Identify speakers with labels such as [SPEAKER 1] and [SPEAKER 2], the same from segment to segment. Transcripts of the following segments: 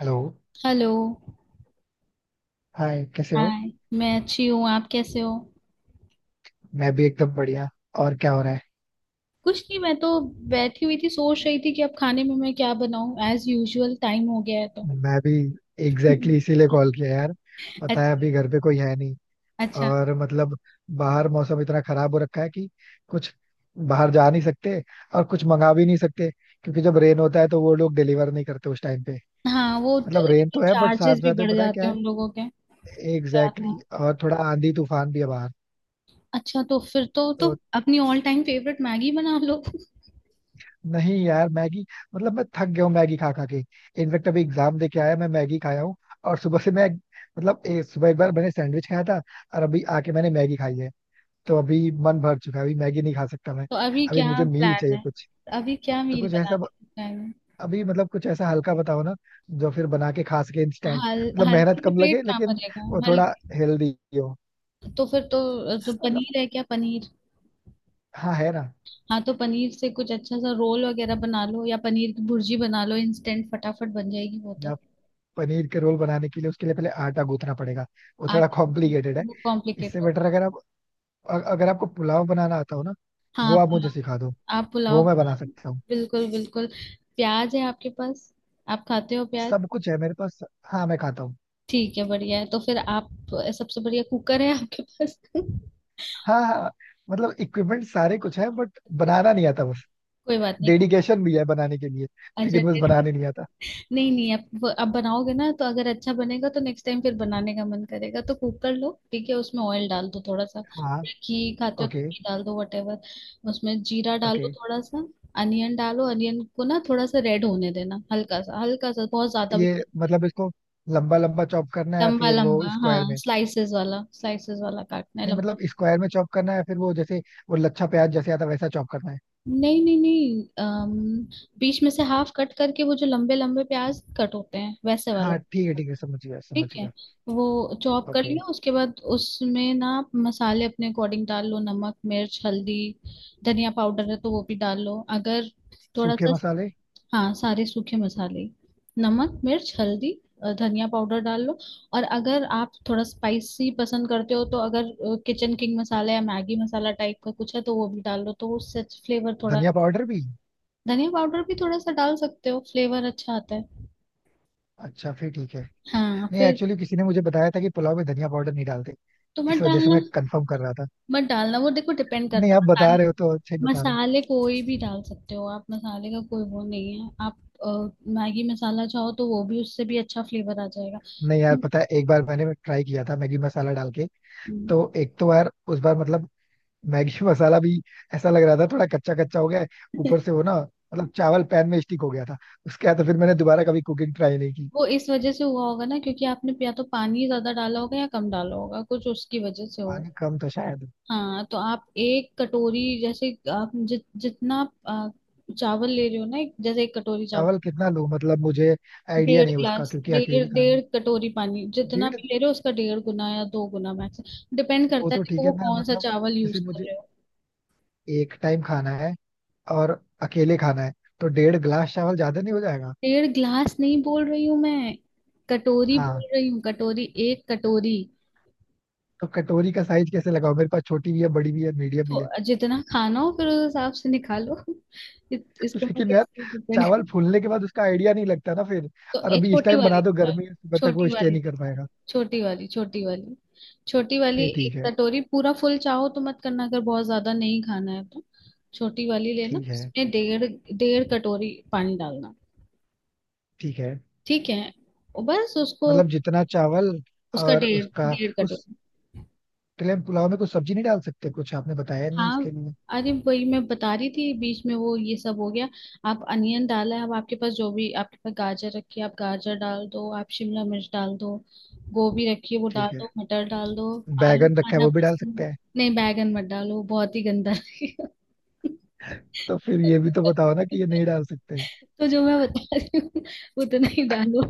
[SPEAKER 1] Hello.
[SPEAKER 2] Hello.
[SPEAKER 1] Hi, कैसे हो?
[SPEAKER 2] Hi. मैं अच्छी हूँ, आप कैसे हो?
[SPEAKER 1] मैं भी एकदम बढ़िया। और क्या हो रहा है?
[SPEAKER 2] कुछ नहीं, मैं तो बैठी हुई थी, सोच रही थी कि अब खाने में मैं क्या बनाऊं, एज यूजुअल टाइम हो गया है तो
[SPEAKER 1] मैं भी एग्जैक्टली इसीलिए कॉल किया यार। पता है
[SPEAKER 2] अच्छा।
[SPEAKER 1] अभी घर पे कोई है नहीं।
[SPEAKER 2] अच्छा।
[SPEAKER 1] और मतलब बाहर मौसम इतना खराब हो रखा है कि कुछ बाहर जा नहीं सकते, और कुछ मंगा भी नहीं सकते क्योंकि जब रेन होता है तो वो लोग डिलीवर नहीं करते उस टाइम पे।
[SPEAKER 2] हाँ, वो
[SPEAKER 1] मतलब रेन तो है बट साथ
[SPEAKER 2] चार्जेस भी
[SPEAKER 1] साथ में
[SPEAKER 2] बढ़
[SPEAKER 1] पता है
[SPEAKER 2] जाते
[SPEAKER 1] क्या
[SPEAKER 2] हैं
[SPEAKER 1] है।
[SPEAKER 2] उन लोगों के तो आता
[SPEAKER 1] एग्जैक्टली
[SPEAKER 2] है।
[SPEAKER 1] exactly, और थोड़ा आंधी तूफान भी है बाहर।
[SPEAKER 2] अच्छा, तो फिर तो
[SPEAKER 1] तो
[SPEAKER 2] अपनी ऑल टाइम फेवरेट मैगी बना लो
[SPEAKER 1] नहीं यार, मैगी मतलब मैं थक गया हूँ मैगी खा खा के। इनफेक्ट अभी एग्जाम दे के आया, मैं मैगी खाया हूँ। और सुबह से मैं मतलब सुबह एक बार मैंने सैंडविच खाया था। और अभी आके मैंने मैगी खाई है। तो अभी मन भर चुका है, अभी मैगी नहीं खा सकता मैं।
[SPEAKER 2] तो अभी
[SPEAKER 1] अभी
[SPEAKER 2] क्या
[SPEAKER 1] मुझे मील
[SPEAKER 2] प्लान
[SPEAKER 1] चाहिए
[SPEAKER 2] है?
[SPEAKER 1] कुछ।
[SPEAKER 2] अभी क्या
[SPEAKER 1] तो
[SPEAKER 2] मील
[SPEAKER 1] कुछ ऐसा
[SPEAKER 2] बनाने का प्लान है?
[SPEAKER 1] अभी मतलब कुछ ऐसा हल्का बताओ ना, जो फिर बना के खा सके इंस्टेंट।
[SPEAKER 2] हल
[SPEAKER 1] मतलब मेहनत
[SPEAKER 2] हल्के से
[SPEAKER 1] कम
[SPEAKER 2] पेट
[SPEAKER 1] लगे,
[SPEAKER 2] कहाँ
[SPEAKER 1] लेकिन
[SPEAKER 2] भरेगा?
[SPEAKER 1] वो
[SPEAKER 2] हल
[SPEAKER 1] थोड़ा हेल्दी हो।
[SPEAKER 2] तो फिर तो जो
[SPEAKER 1] मतलब
[SPEAKER 2] पनीर है, क्या पनीर?
[SPEAKER 1] हाँ है ना।
[SPEAKER 2] हाँ तो पनीर से कुछ अच्छा सा रोल वगैरह बना लो, या पनीर की भुर्जी बना लो, इंस्टेंट फटाफट बन जाएगी वो
[SPEAKER 1] या
[SPEAKER 2] तो।
[SPEAKER 1] पनीर के रोल बनाने के लिए उसके लिए पहले आटा गूंथना पड़ेगा, वो
[SPEAKER 2] आट
[SPEAKER 1] थोड़ा कॉम्प्लिकेटेड है।
[SPEAKER 2] वो
[SPEAKER 1] इससे
[SPEAKER 2] कॉम्प्लिकेटेड।
[SPEAKER 1] बेटर अगर आप अगर आपको पुलाव बनाना आता हो ना,
[SPEAKER 2] हाँ
[SPEAKER 1] वो
[SPEAKER 2] आप
[SPEAKER 1] आप मुझे
[SPEAKER 2] पुलाव।
[SPEAKER 1] सिखा दो,
[SPEAKER 2] आप पुलाव
[SPEAKER 1] वो मैं बना सकता हूँ।
[SPEAKER 2] बिल्कुल बिल्कुल। प्याज है आपके पास? आप खाते हो प्याज?
[SPEAKER 1] सब कुछ है मेरे पास। हाँ, मैं खाता हूँ।
[SPEAKER 2] ठीक है, बढ़िया है, तो फिर आप सबसे बढ़िया कुकर है आपके पास कोई
[SPEAKER 1] हाँ हाँ। मतलब इक्विपमेंट सारे कुछ है बट बनाना नहीं आता बस।
[SPEAKER 2] बात नहीं, कुक।
[SPEAKER 1] डेडिकेशन भी है बनाने के लिए,
[SPEAKER 2] अच्छा।
[SPEAKER 1] लेकिन बस बनाने नहीं आता।
[SPEAKER 2] नहीं नहीं, अब बनाओगे ना तो अगर अच्छा बनेगा तो नेक्स्ट टाइम फिर बनाने का मन करेगा। तो कुकर लो, ठीक है, उसमें ऑयल डाल दो थोड़ा सा।
[SPEAKER 1] हाँ।
[SPEAKER 2] घी खाते हो तो
[SPEAKER 1] ओके।
[SPEAKER 2] घी डाल दो, वटेवर। उसमें जीरा
[SPEAKER 1] ओके।
[SPEAKER 2] डालो थोड़ा सा। अनियन डालो, अनियन को ना थोड़ा सा रेड होने देना, हल्का सा, हल्का सा, बहुत ज्यादा भी।
[SPEAKER 1] ये मतलब इसको लंबा लंबा चॉप करना है,
[SPEAKER 2] लंबा
[SPEAKER 1] फिर वो
[SPEAKER 2] लंबा, हाँ,
[SPEAKER 1] स्क्वायर में?
[SPEAKER 2] स्लाइसेस वाला, स्लाइसेस वाला काटना है
[SPEAKER 1] नहीं,
[SPEAKER 2] लंबा।
[SPEAKER 1] मतलब स्क्वायर में चॉप करना है फिर वो जैसे, वो लच्छा प्याज जैसे आता है वैसा चॉप करना है।
[SPEAKER 2] नहीं नहीं नहीं, बीच में से हाफ कट करके वो जो लंबे लंबे प्याज कट होते हैं वैसे वाला।
[SPEAKER 1] हाँ ठीक है, ठीक है, समझ गया, समझ
[SPEAKER 2] ठीक है।
[SPEAKER 1] गया।
[SPEAKER 2] वो चॉप कर
[SPEAKER 1] ओके।
[SPEAKER 2] लिया, उसके बाद उसमें ना आप मसाले अपने अकॉर्डिंग डाल लो, नमक मिर्च हल्दी। धनिया पाउडर है तो वो भी डाल लो, अगर, थोड़ा
[SPEAKER 1] सूखे
[SPEAKER 2] सा।
[SPEAKER 1] मसाले।
[SPEAKER 2] हाँ सारे सूखे मसाले, नमक मिर्च हल्दी, धनिया पाउडर डाल लो। और अगर आप थोड़ा स्पाइसी पसंद करते हो, तो अगर किचन किंग मसाला या मैगी मसाला टाइप का कुछ है तो वो भी डाल लो, तो उससे फ्लेवर थोड़ा।
[SPEAKER 1] धनिया पाउडर भी?
[SPEAKER 2] धनिया पाउडर भी थोड़ा सा डाल सकते हो, फ्लेवर अच्छा आता है।
[SPEAKER 1] अच्छा फिर ठीक है।
[SPEAKER 2] हाँ
[SPEAKER 1] नहीं,
[SPEAKER 2] फिर।
[SPEAKER 1] एक्चुअली किसी ने मुझे बताया था कि पुलाव में धनिया पाउडर नहीं डालते,
[SPEAKER 2] तो
[SPEAKER 1] इस
[SPEAKER 2] मत
[SPEAKER 1] वजह से
[SPEAKER 2] डालना।
[SPEAKER 1] मैं कंफर्म कर रहा था।
[SPEAKER 2] मत डालना, वो देखो डिपेंड
[SPEAKER 1] नहीं, आप
[SPEAKER 2] करता
[SPEAKER 1] बता
[SPEAKER 2] है।
[SPEAKER 1] रहे हो तो अच्छा ही बता रहे हो।
[SPEAKER 2] मसाले कोई भी डाल सकते हो आप, मसाले का कोई वो नहीं है आप। अ, मैगी मसाला चाहो तो वो भी, उससे भी अच्छा फ्लेवर आ जाएगा।
[SPEAKER 1] नहीं यार, पता है, एक बार मैंने ट्राई किया था मैगी मसाला डाल के,
[SPEAKER 2] हम्म,
[SPEAKER 1] तो एक तो यार उस बार मतलब मैगी मसाला भी ऐसा लग रहा था, थोड़ा कच्चा कच्चा हो गया है। ऊपर से वो ना, मतलब चावल पैन में स्टिक हो गया था। उसके बाद तो फिर मैंने दोबारा कभी कुकिंग ट्राई नहीं की।
[SPEAKER 2] वो इस वजह से हुआ होगा ना, क्योंकि आपने या तो पानी ज्यादा डाला होगा या कम डाला होगा, कुछ उसकी वजह से हो।
[SPEAKER 1] पानी कम था शायद।
[SPEAKER 2] हाँ तो आप एक कटोरी, जैसे आप जितना आप, चावल ले रहे हो ना, एक जैसे एक कटोरी चावल।
[SPEAKER 1] चावल कितना लूं? मतलब मुझे आइडिया
[SPEAKER 2] डेढ़
[SPEAKER 1] नहीं उसका
[SPEAKER 2] ग्लास,
[SPEAKER 1] क्योंकि
[SPEAKER 2] डेढ़
[SPEAKER 1] अकेले खाना है।
[SPEAKER 2] डेढ़ कटोरी पानी, जितना
[SPEAKER 1] डेढ़।
[SPEAKER 2] भी ले रहे हो उसका डेढ़ गुना या दो गुना मैक्स। डिपेंड
[SPEAKER 1] वो
[SPEAKER 2] करता है,
[SPEAKER 1] तो ठीक
[SPEAKER 2] देखो
[SPEAKER 1] है,
[SPEAKER 2] वो
[SPEAKER 1] मैं
[SPEAKER 2] कौन सा
[SPEAKER 1] मतलब
[SPEAKER 2] चावल यूज
[SPEAKER 1] जैसे
[SPEAKER 2] कर
[SPEAKER 1] मुझे
[SPEAKER 2] रहे हो।
[SPEAKER 1] एक टाइम खाना है और अकेले खाना है, तो 1.5 ग्लास चावल ज्यादा नहीं हो जाएगा?
[SPEAKER 2] डेढ़ ग्लास नहीं बोल रही हूँ मैं, कटोरी
[SPEAKER 1] हाँ,
[SPEAKER 2] बोल रही हूँ, कटोरी, एक कटोरी।
[SPEAKER 1] तो कटोरी का साइज कैसे लगाओ? मेरे पास छोटी भी है, बड़ी भी है, मीडियम भी है।
[SPEAKER 2] तो जितना खाना हो फिर उस हिसाब से निकालो इसको मैं
[SPEAKER 1] लेकिन यार,
[SPEAKER 2] कैसे डिपेंड?
[SPEAKER 1] चावल फूलने के बाद उसका आइडिया नहीं लगता ना फिर।
[SPEAKER 2] तो
[SPEAKER 1] और अभी इस
[SPEAKER 2] छोटी
[SPEAKER 1] टाइम
[SPEAKER 2] वाली
[SPEAKER 1] बना दो,
[SPEAKER 2] निकालो,
[SPEAKER 1] गर्मी है, सुबह तक वो
[SPEAKER 2] छोटी
[SPEAKER 1] स्टे
[SPEAKER 2] वाली
[SPEAKER 1] नहीं कर
[SPEAKER 2] निकालो,
[SPEAKER 1] पाएगा।
[SPEAKER 2] छोटी वाली, छोटी वाली। छोटी वाली
[SPEAKER 1] फिर ठीक
[SPEAKER 2] एक
[SPEAKER 1] है।
[SPEAKER 2] कटोरी पूरा फुल चाहो तो मत करना, अगर बहुत ज्यादा नहीं खाना है तो। छोटी वाली लेना,
[SPEAKER 1] ठीक है।
[SPEAKER 2] उसमें डेढ़, डेढ़ कटोरी पानी डालना।
[SPEAKER 1] ठीक है।
[SPEAKER 2] ठीक है। और बस उसको,
[SPEAKER 1] मतलब जितना चावल,
[SPEAKER 2] उसका
[SPEAKER 1] और
[SPEAKER 2] डेढ़,
[SPEAKER 1] उसका
[SPEAKER 2] डेढ़
[SPEAKER 1] कुछ,
[SPEAKER 2] कटोरी।
[SPEAKER 1] तिलम पुलाव में कुछ सब्जी नहीं डाल सकते कुछ? आपने बताया नहीं
[SPEAKER 2] हाँ,
[SPEAKER 1] इसके लिए।
[SPEAKER 2] अरे वही मैं बता रही थी, बीच में वो ये सब हो गया। आप अनियन डाला है, अब आपके पास जो भी आपके पास गाजर रखी है आप गाजर डाल दो, आप शिमला मिर्च डाल दो, गोभी रखी है वो डाल
[SPEAKER 1] ठीक है।
[SPEAKER 2] दो, मटर डाल दो। आलू
[SPEAKER 1] बैगन रखा है,
[SPEAKER 2] खाना
[SPEAKER 1] वो भी डाल सकते
[SPEAKER 2] पसंद?
[SPEAKER 1] हैं?
[SPEAKER 2] नहीं, बैगन मत डालो, वो बहुत ही गंदा लगेगा
[SPEAKER 1] तो फिर ये भी तो बताओ ना कि ये नहीं डाल सकते।
[SPEAKER 2] तो जो मैं बता रही हूँ उतना ही डालो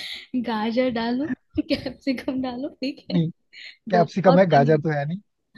[SPEAKER 2] गाजर डालो, कैप्सिकम डालो, ठीक है।
[SPEAKER 1] नहीं,
[SPEAKER 2] गो और
[SPEAKER 1] कैप्सिकम है, गाजर तो
[SPEAKER 2] पनीर।
[SPEAKER 1] है।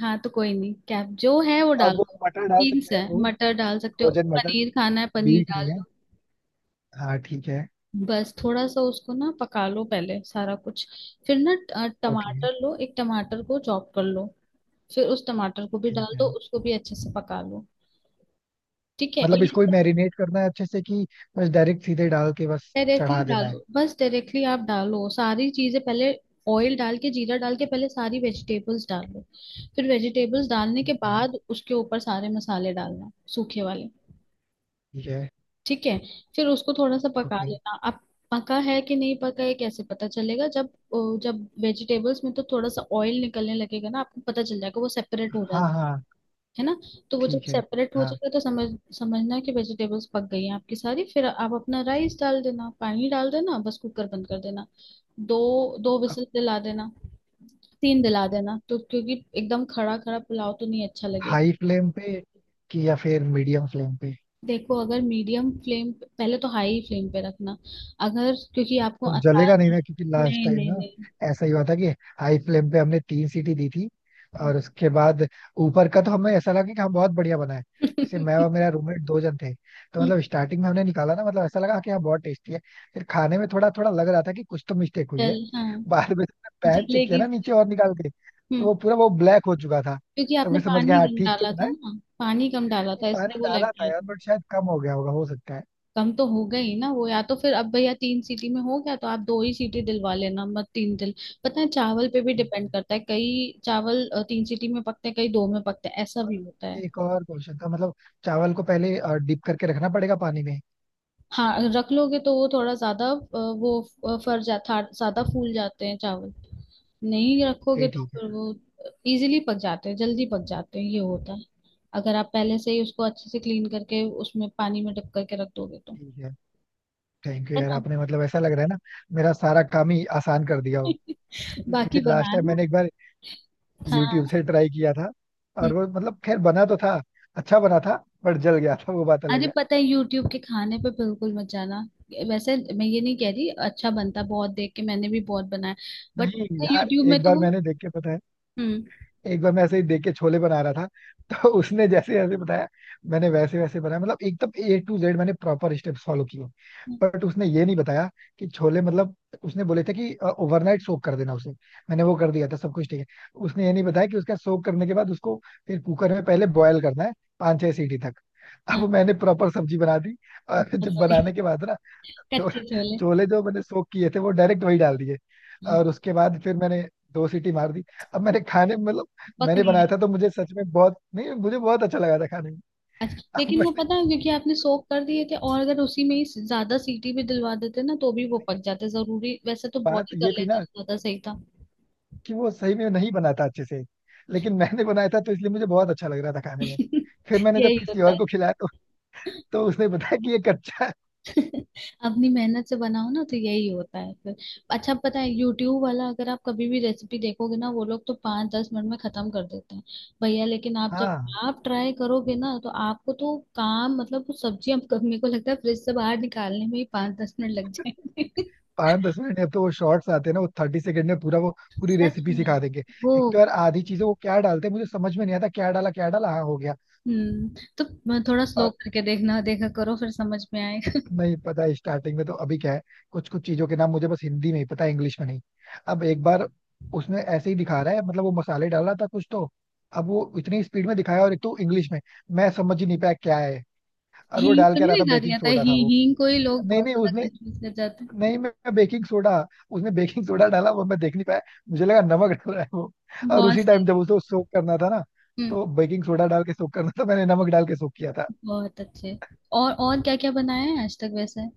[SPEAKER 2] हाँ तो कोई नहीं, कैप जो है वो
[SPEAKER 1] अब
[SPEAKER 2] डाल
[SPEAKER 1] वो
[SPEAKER 2] दो।
[SPEAKER 1] मटर डाल
[SPEAKER 2] बीन्स
[SPEAKER 1] सकते हैं
[SPEAKER 2] है,
[SPEAKER 1] वो,
[SPEAKER 2] मटर डाल सकते हो,
[SPEAKER 1] फ्रोजन मटर?
[SPEAKER 2] पनीर खाना है पनीर
[SPEAKER 1] बीन्स नहीं
[SPEAKER 2] डाल दो।
[SPEAKER 1] है। हाँ ठीक है।
[SPEAKER 2] बस थोड़ा सा उसको ना पका लो पहले सारा कुछ। फिर ना
[SPEAKER 1] ओके।
[SPEAKER 2] टमाटर लो, एक टमाटर को चॉप कर लो। फिर उस टमाटर को भी
[SPEAKER 1] ठीक
[SPEAKER 2] डाल
[SPEAKER 1] है।
[SPEAKER 2] दो, उसको भी अच्छे से पका लो। ठीक है। और
[SPEAKER 1] मतलब
[SPEAKER 2] ये
[SPEAKER 1] इसको ही
[SPEAKER 2] सब
[SPEAKER 1] मैरिनेट करना है अच्छे से, कि बस डायरेक्ट सीधे डाल के बस
[SPEAKER 2] डायरेक्टली
[SPEAKER 1] चढ़ा देना
[SPEAKER 2] डालो,
[SPEAKER 1] है?
[SPEAKER 2] बस डायरेक्टली आप डालो सारी चीजें पहले। ऑयल डाल के, जीरा डाल के पहले सारी वेजिटेबल्स डाल लो। फिर वेजिटेबल्स डालने के बाद उसके ऊपर सारे मसाले डालना, सूखे वाले।
[SPEAKER 1] ठीक है।
[SPEAKER 2] ठीक है। फिर उसको थोड़ा सा पका
[SPEAKER 1] ओके।
[SPEAKER 2] लेना अब। पका है कि नहीं पका है कैसे पता चलेगा? जब जब वेजिटेबल्स में तो थोड़ा सा ऑयल निकलने लगेगा ना, आपको पता चल जाएगा, वो सेपरेट हो रहा है
[SPEAKER 1] हाँ हाँ।
[SPEAKER 2] है ना। तो वो जब
[SPEAKER 1] ठीक है।
[SPEAKER 2] सेपरेट हो
[SPEAKER 1] हाँ।
[SPEAKER 2] जाएगा तो समझना कि वेजिटेबल्स पक गई हैं आपकी सारी, फिर आप अपना राइस डाल देना, पानी डाल देना, बस कुकर बंद कर देना। दो दो
[SPEAKER 1] अब
[SPEAKER 2] विसल दिला देना, तीन दिला देना, तो क्योंकि एकदम खड़ा खड़ा पुलाव तो नहीं अच्छा लगेगा।
[SPEAKER 1] हाई फ्लेम पे कि या फिर मीडियम फ्लेम पे?
[SPEAKER 2] देखो, अगर मीडियम फ्लेम पहले, तो हाई फ्लेम पे रखना, अगर, क्योंकि आपको
[SPEAKER 1] तो
[SPEAKER 2] आसान
[SPEAKER 1] जलेगा नहीं ना,
[SPEAKER 2] है।
[SPEAKER 1] क्योंकि लास्ट
[SPEAKER 2] नहीं
[SPEAKER 1] टाइम
[SPEAKER 2] नहीं
[SPEAKER 1] ना
[SPEAKER 2] नहीं
[SPEAKER 1] ऐसा ही हुआ था कि हाई फ्लेम पे हमने तीन सीटी दी थी, और उसके बाद ऊपर का तो हमें ऐसा लगा कि हम बहुत बढ़िया बनाए। जैसे मैं और मेरा रूममेट दो जन थे, तो
[SPEAKER 2] हम्म,
[SPEAKER 1] मतलब स्टार्टिंग में हमने निकाला ना, मतलब ऐसा लगा कि हाँ बहुत टेस्टी है। फिर खाने में थोड़ा थोड़ा लग रहा था कि कुछ तो मिस्टेक हुई
[SPEAKER 2] जल,
[SPEAKER 1] है।
[SPEAKER 2] हाँ,
[SPEAKER 1] बाद में पैन चेक किया
[SPEAKER 2] जलेगी।
[SPEAKER 1] ना नीचे और निकाल के, तो
[SPEAKER 2] हम्म
[SPEAKER 1] वो पूरा वो ब्लैक हो चुका था।
[SPEAKER 2] क्योंकि
[SPEAKER 1] तो
[SPEAKER 2] आपने
[SPEAKER 1] फिर समझ गया,
[SPEAKER 2] पानी
[SPEAKER 1] हाँ
[SPEAKER 2] कम
[SPEAKER 1] ठीक तो
[SPEAKER 2] डाला
[SPEAKER 1] बना
[SPEAKER 2] था
[SPEAKER 1] है।
[SPEAKER 2] ना। पानी कम डाला
[SPEAKER 1] नहीं,
[SPEAKER 2] था
[SPEAKER 1] पानी
[SPEAKER 2] इसलिए वो लग
[SPEAKER 1] डाला था
[SPEAKER 2] गया
[SPEAKER 1] यार
[SPEAKER 2] था।
[SPEAKER 1] बट शायद कम हो गया होगा, हो सकता है।
[SPEAKER 2] कम तो हो गई ना वो, या तो फिर अब भैया 3 सीटी में हो गया तो आप 2 ही सीटी दिलवा लेना, मत तीन दिल पता है, चावल पे भी
[SPEAKER 1] ठीक
[SPEAKER 2] डिपेंड
[SPEAKER 1] है।
[SPEAKER 2] करता है, कई चावल 3 सीटी में पकते हैं, कई दो में पकते हैं, ऐसा भी होता है।
[SPEAKER 1] एक और क्वेश्चन था, मतलब चावल को पहले डिप करके रखना पड़ेगा पानी में?
[SPEAKER 2] हाँ, रख लोगे तो वो थोड़ा ज्यादा, अ, वो अ, फर जाता ज्यादा फूल जाते हैं चावल। नहीं रखोगे
[SPEAKER 1] फिर
[SPEAKER 2] तो
[SPEAKER 1] ठीक
[SPEAKER 2] फिर
[SPEAKER 1] है।
[SPEAKER 2] वो इजीली पक जाते हैं, जल्दी पक जाते हैं, ये होता है। अगर आप पहले से ही उसको अच्छे से क्लीन करके उसमें पानी में डुब करके रख दोगे तो।
[SPEAKER 1] ठीक है। थैंक यू
[SPEAKER 2] है
[SPEAKER 1] यार,
[SPEAKER 2] ना।
[SPEAKER 1] आपने मतलब ऐसा लग रहा है ना, मेरा सारा काम ही आसान कर दिया हो। क्योंकि
[SPEAKER 2] बाकी
[SPEAKER 1] लास्ट टाइम
[SPEAKER 2] बनाना।
[SPEAKER 1] मैंने एक बार यूट्यूब
[SPEAKER 2] हाँ।
[SPEAKER 1] से ट्राई किया था, और
[SPEAKER 2] हम्म।
[SPEAKER 1] वो मतलब खैर बना तो था, अच्छा बना था, बट जल गया था, वो बात
[SPEAKER 2] अरे
[SPEAKER 1] अलग है।
[SPEAKER 2] पता है, यूट्यूब के खाने पे बिल्कुल मत जाना। वैसे मैं ये नहीं कह रही अच्छा बनता है, बहुत देख के मैंने भी बहुत बनाया, बट।
[SPEAKER 1] नहीं यार,
[SPEAKER 2] यूट्यूब में
[SPEAKER 1] एक
[SPEAKER 2] तो
[SPEAKER 1] बार
[SPEAKER 2] वो
[SPEAKER 1] मैंने देख के, पता है,
[SPEAKER 2] हम्म।
[SPEAKER 1] एक बार मैं ऐसे ही देख के छोले बना रहा था, तो उसने जैसे जैसे बताया, मैंने वैसे वैसे बनाया, मतलब एकदम A-Z मैंने प्रॉपर स्टेप्स फॉलो किए। बट उसने ये नहीं बताया कि छोले मतलब, उसने बोले थे कि ओवरनाइट सोक कर देना उसे, मैंने वो कर दिया था, सब कुछ ठीक है। उसने ये नहीं बताया कि उसका सोक करने के बाद उसको फिर कुकर में पहले बॉयल करना है, पाँच छह सीटी तक। अब मैंने प्रॉपर सब्जी बना दी, और जब
[SPEAKER 2] हाँ,
[SPEAKER 1] बनाने के बाद ना, छो-
[SPEAKER 2] कच्चे छोले।
[SPEAKER 1] छोले जो मैंने सोक किए थे वो डायरेक्ट वही डाल दिए,
[SPEAKER 2] हाँ,
[SPEAKER 1] और उसके बाद फिर मैंने दो सीटी मार दी। अब मैंने खाने में मतलब,
[SPEAKER 2] पक
[SPEAKER 1] मैंने
[SPEAKER 2] नहीं
[SPEAKER 1] बनाया था
[SPEAKER 2] रहे।
[SPEAKER 1] तो मुझे सच में बहुत, नहीं मुझे बहुत अच्छा लगा था खाने में।
[SPEAKER 2] अच्छा,
[SPEAKER 1] अब
[SPEAKER 2] लेकिन वो
[SPEAKER 1] मैंने,
[SPEAKER 2] पता है, क्योंकि आपने सोक कर दिए थे, और अगर उसी में ही ज्यादा सीटी भी दिलवा देते ना तो भी वो पक जाते, जरूरी, वैसे तो बहुत
[SPEAKER 1] बात
[SPEAKER 2] ही कर
[SPEAKER 1] ये थी
[SPEAKER 2] लेते
[SPEAKER 1] ना
[SPEAKER 2] तो ज्यादा सही था।
[SPEAKER 1] कि वो सही में नहीं बनाता अच्छे से, लेकिन मैंने बनाया था तो इसलिए मुझे बहुत अच्छा लग रहा था खाने में। फिर मैंने जब
[SPEAKER 2] यही
[SPEAKER 1] किसी
[SPEAKER 2] होता
[SPEAKER 1] और
[SPEAKER 2] है
[SPEAKER 1] को खिलाया, तो उसने बताया कि ये कच्चा है।
[SPEAKER 2] अपनी मेहनत से बनाओ ना तो यही होता है फिर। अच्छा पता है, यूट्यूब वाला अगर आप कभी भी रेसिपी देखोगे ना, वो लोग तो 5-10 मिनट में खत्म कर देते हैं, भैया। लेकिन आप जब
[SPEAKER 1] हाँ।
[SPEAKER 2] आप ट्राई करोगे ना तो आपको तो काम, मतलब वो सब्जी, हम मेरे को लगता है फ्रिज से बाहर निकालने में ही 5-10 मिनट लग जाएंगे।
[SPEAKER 1] पाँच दस मिनट में अब तो वो शॉर्ट्स आते हैं ना, वो 30 सेकंड में पूरा वो, पूरी
[SPEAKER 2] सच
[SPEAKER 1] रेसिपी
[SPEAKER 2] में।
[SPEAKER 1] सिखा देंगे।
[SPEAKER 2] वो
[SPEAKER 1] एक तो यार आधी चीजें वो क्या डालते हैं मुझे समझ में नहीं आता, क्या डाला क्या डाला, हाँ हो गया।
[SPEAKER 2] हम्म तो थोड़ा स्लो करके देखना, देखा करो, फिर समझ में आएगा
[SPEAKER 1] नहीं, पता है स्टार्टिंग में तो, अभी क्या है, कुछ कुछ चीजों के नाम मुझे बस हिंदी में ही पता है, इंग्लिश में नहीं। अब एक बार उसमें ऐसे ही दिखा रहा है, मतलब वो मसाले डाल रहा था कुछ तो, अब वो इतनी स्पीड में दिखाया और एक तो इंग्लिश में, मैं समझ ही नहीं पाया क्या है। और वो
[SPEAKER 2] हींग
[SPEAKER 1] डाल
[SPEAKER 2] तो
[SPEAKER 1] के
[SPEAKER 2] नहीं
[SPEAKER 1] रहा था,
[SPEAKER 2] निकाल रही,
[SPEAKER 1] बेकिंग
[SPEAKER 2] आता है,
[SPEAKER 1] सोडा था वो।
[SPEAKER 2] हींग को ही लोग
[SPEAKER 1] नहीं
[SPEAKER 2] बहुत
[SPEAKER 1] नहीं,
[SPEAKER 2] ज्यादा
[SPEAKER 1] उसने,
[SPEAKER 2] कंफ्यूज कर जाते
[SPEAKER 1] नहीं, मैं बेकिंग सोडा, उसने बेकिंग सोडा डाला वो मैं देख नहीं पाया, मुझे लगा नमक डाल रहा है वो।
[SPEAKER 2] हैं।
[SPEAKER 1] और
[SPEAKER 2] बहुत
[SPEAKER 1] उसी
[SPEAKER 2] सही।
[SPEAKER 1] टाइम जब उसे सोक करना था ना,
[SPEAKER 2] हम्म।
[SPEAKER 1] तो बेकिंग सोडा डाल के सोक करना था, मैंने नमक डाल के सोक किया था।
[SPEAKER 2] बहुत अच्छे। और क्या क्या बनाया है आज तक वैसे,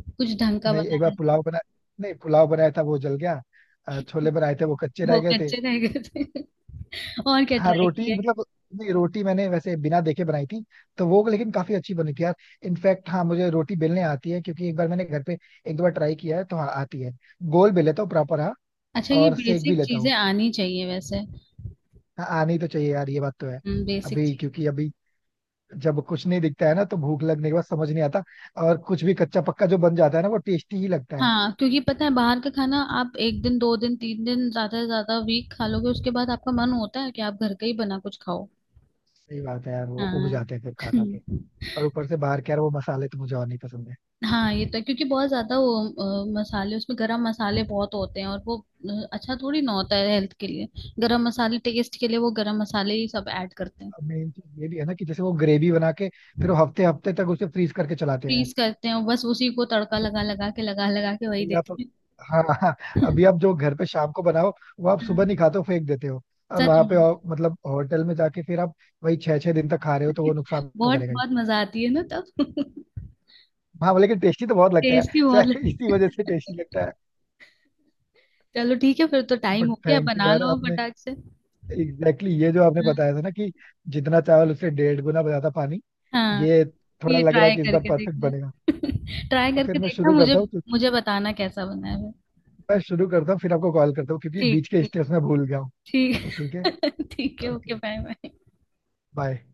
[SPEAKER 2] कुछ ढंग का
[SPEAKER 1] नहीं, एक
[SPEAKER 2] बनाया
[SPEAKER 1] बार
[SPEAKER 2] है?
[SPEAKER 1] पुलाव बना, नहीं पुलाव बनाया था वो जल गया। छोले बनाए थे, वो कच्चे रह
[SPEAKER 2] वो
[SPEAKER 1] गए थे।
[SPEAKER 2] कच्चे रह गए थे और क्या
[SPEAKER 1] हाँ
[SPEAKER 2] ट्राई
[SPEAKER 1] रोटी
[SPEAKER 2] किए?
[SPEAKER 1] मतलब, नहीं रोटी मैंने वैसे बिना देखे बनाई थी, तो वो लेकिन काफी अच्छी बनी थी यार। इनफैक्ट हाँ, मुझे रोटी बेलने आती है, क्योंकि एक बार मैंने घर पे एक दो बार ट्राई किया है, तो हाँ आती है, गोल बेल लेता हूँ प्रॉपर, हाँ।
[SPEAKER 2] अच्छा, ये
[SPEAKER 1] और सेक भी
[SPEAKER 2] बेसिक
[SPEAKER 1] लेता हूँ।
[SPEAKER 2] चीजें आनी चाहिए वैसे।
[SPEAKER 1] हाँ आनी तो चाहिए यार, ये बात तो है।
[SPEAKER 2] हम्म, बेसिक
[SPEAKER 1] अभी
[SPEAKER 2] चीज।
[SPEAKER 1] क्योंकि अभी जब कुछ नहीं दिखता है ना, तो भूख लगने के बाद समझ नहीं आता, और कुछ भी कच्चा पक्का जो बन जाता है ना वो टेस्टी ही लगता है।
[SPEAKER 2] हाँ क्योंकि पता है, बाहर का खाना आप एक दिन दो दिन तीन दिन ज्यादा से ज्यादा वीक खा लोगे, उसके बाद आपका मन होता है कि आप घर का ही बना कुछ खाओ।
[SPEAKER 1] सही बात है यार, वो उब
[SPEAKER 2] हाँ
[SPEAKER 1] जाते हैं फिर खा खा के। और ऊपर से बाहर के यार वो मसाले तो मुझे और नहीं पसंद है।
[SPEAKER 2] हाँ ये तो है, क्योंकि बहुत ज्यादा वो मसाले, उसमें गरम मसाले बहुत होते हैं, और वो अच्छा थोड़ी ना होता है हेल्थ के लिए। गरम मसाले टेस्ट के लिए वो गरम मसाले ही सब ऐड करते हैं।
[SPEAKER 1] अब मेन चीज ये भी है ना, कि जैसे वो ग्रेवी बना के फिर वो हफ्ते हफ्ते तक उसे फ्रीज करके चलाते हैं।
[SPEAKER 2] फ्रीज करते हैं और बस उसी को तड़का लगा लगा के, लगा लगा के वही
[SPEAKER 1] अभी आप,
[SPEAKER 2] देते हैं
[SPEAKER 1] हाँ हाँ, अभी आप जो घर पे शाम को बनाओ, वो आप सुबह
[SPEAKER 2] हाँ,
[SPEAKER 1] नहीं खाते हो, फेंक देते हो। और
[SPEAKER 2] सच
[SPEAKER 1] वहां पे
[SPEAKER 2] में
[SPEAKER 1] और, मतलब होटल में जाके फिर आप वही छह छह दिन तक खा रहे हो, तो वो नुकसान तो
[SPEAKER 2] बहुत
[SPEAKER 1] करेगा ही।
[SPEAKER 2] बहुत मजा आती है ना तब
[SPEAKER 1] हाँ, लेकिन टेस्टी तो बहुत लगता है।
[SPEAKER 2] टेस्टी बहुत
[SPEAKER 1] चाहे इसी
[SPEAKER 2] लगता है।
[SPEAKER 1] वजह से टेस्टी लगता है।
[SPEAKER 2] चलो ठीक है, फिर तो टाइम
[SPEAKER 1] बट
[SPEAKER 2] हो गया,
[SPEAKER 1] थैंक यू
[SPEAKER 2] बना
[SPEAKER 1] यार,
[SPEAKER 2] लो
[SPEAKER 1] आपने
[SPEAKER 2] फटाक से।
[SPEAKER 1] एग्जैक्टली exactly ये जो आपने
[SPEAKER 2] हाँ
[SPEAKER 1] बताया था ना, कि जितना चावल उससे 1.5 गुना ज्यादा पानी,
[SPEAKER 2] हाँ।
[SPEAKER 1] ये, थोड़ा
[SPEAKER 2] ये
[SPEAKER 1] लग रहा है
[SPEAKER 2] ट्राई
[SPEAKER 1] कि इस बार
[SPEAKER 2] करके
[SPEAKER 1] परफेक्ट
[SPEAKER 2] देखना
[SPEAKER 1] बनेगा।
[SPEAKER 2] ट्राई
[SPEAKER 1] तो
[SPEAKER 2] करके
[SPEAKER 1] फिर मैं
[SPEAKER 2] देखना,
[SPEAKER 1] शुरू
[SPEAKER 2] मुझे
[SPEAKER 1] करता हूँ, क्योंकि
[SPEAKER 2] मुझे बताना कैसा बना है।
[SPEAKER 1] मैं शुरू करता हूँ फिर आपको कॉल करता हूँ क्योंकि
[SPEAKER 2] ठीक
[SPEAKER 1] बीच के
[SPEAKER 2] ठीक।
[SPEAKER 1] स्टेप्स में भूल गया हूँ।
[SPEAKER 2] ठीक
[SPEAKER 1] ठीक है।
[SPEAKER 2] ठीक है, okay,
[SPEAKER 1] okay.
[SPEAKER 2] Bye bye.
[SPEAKER 1] Bye.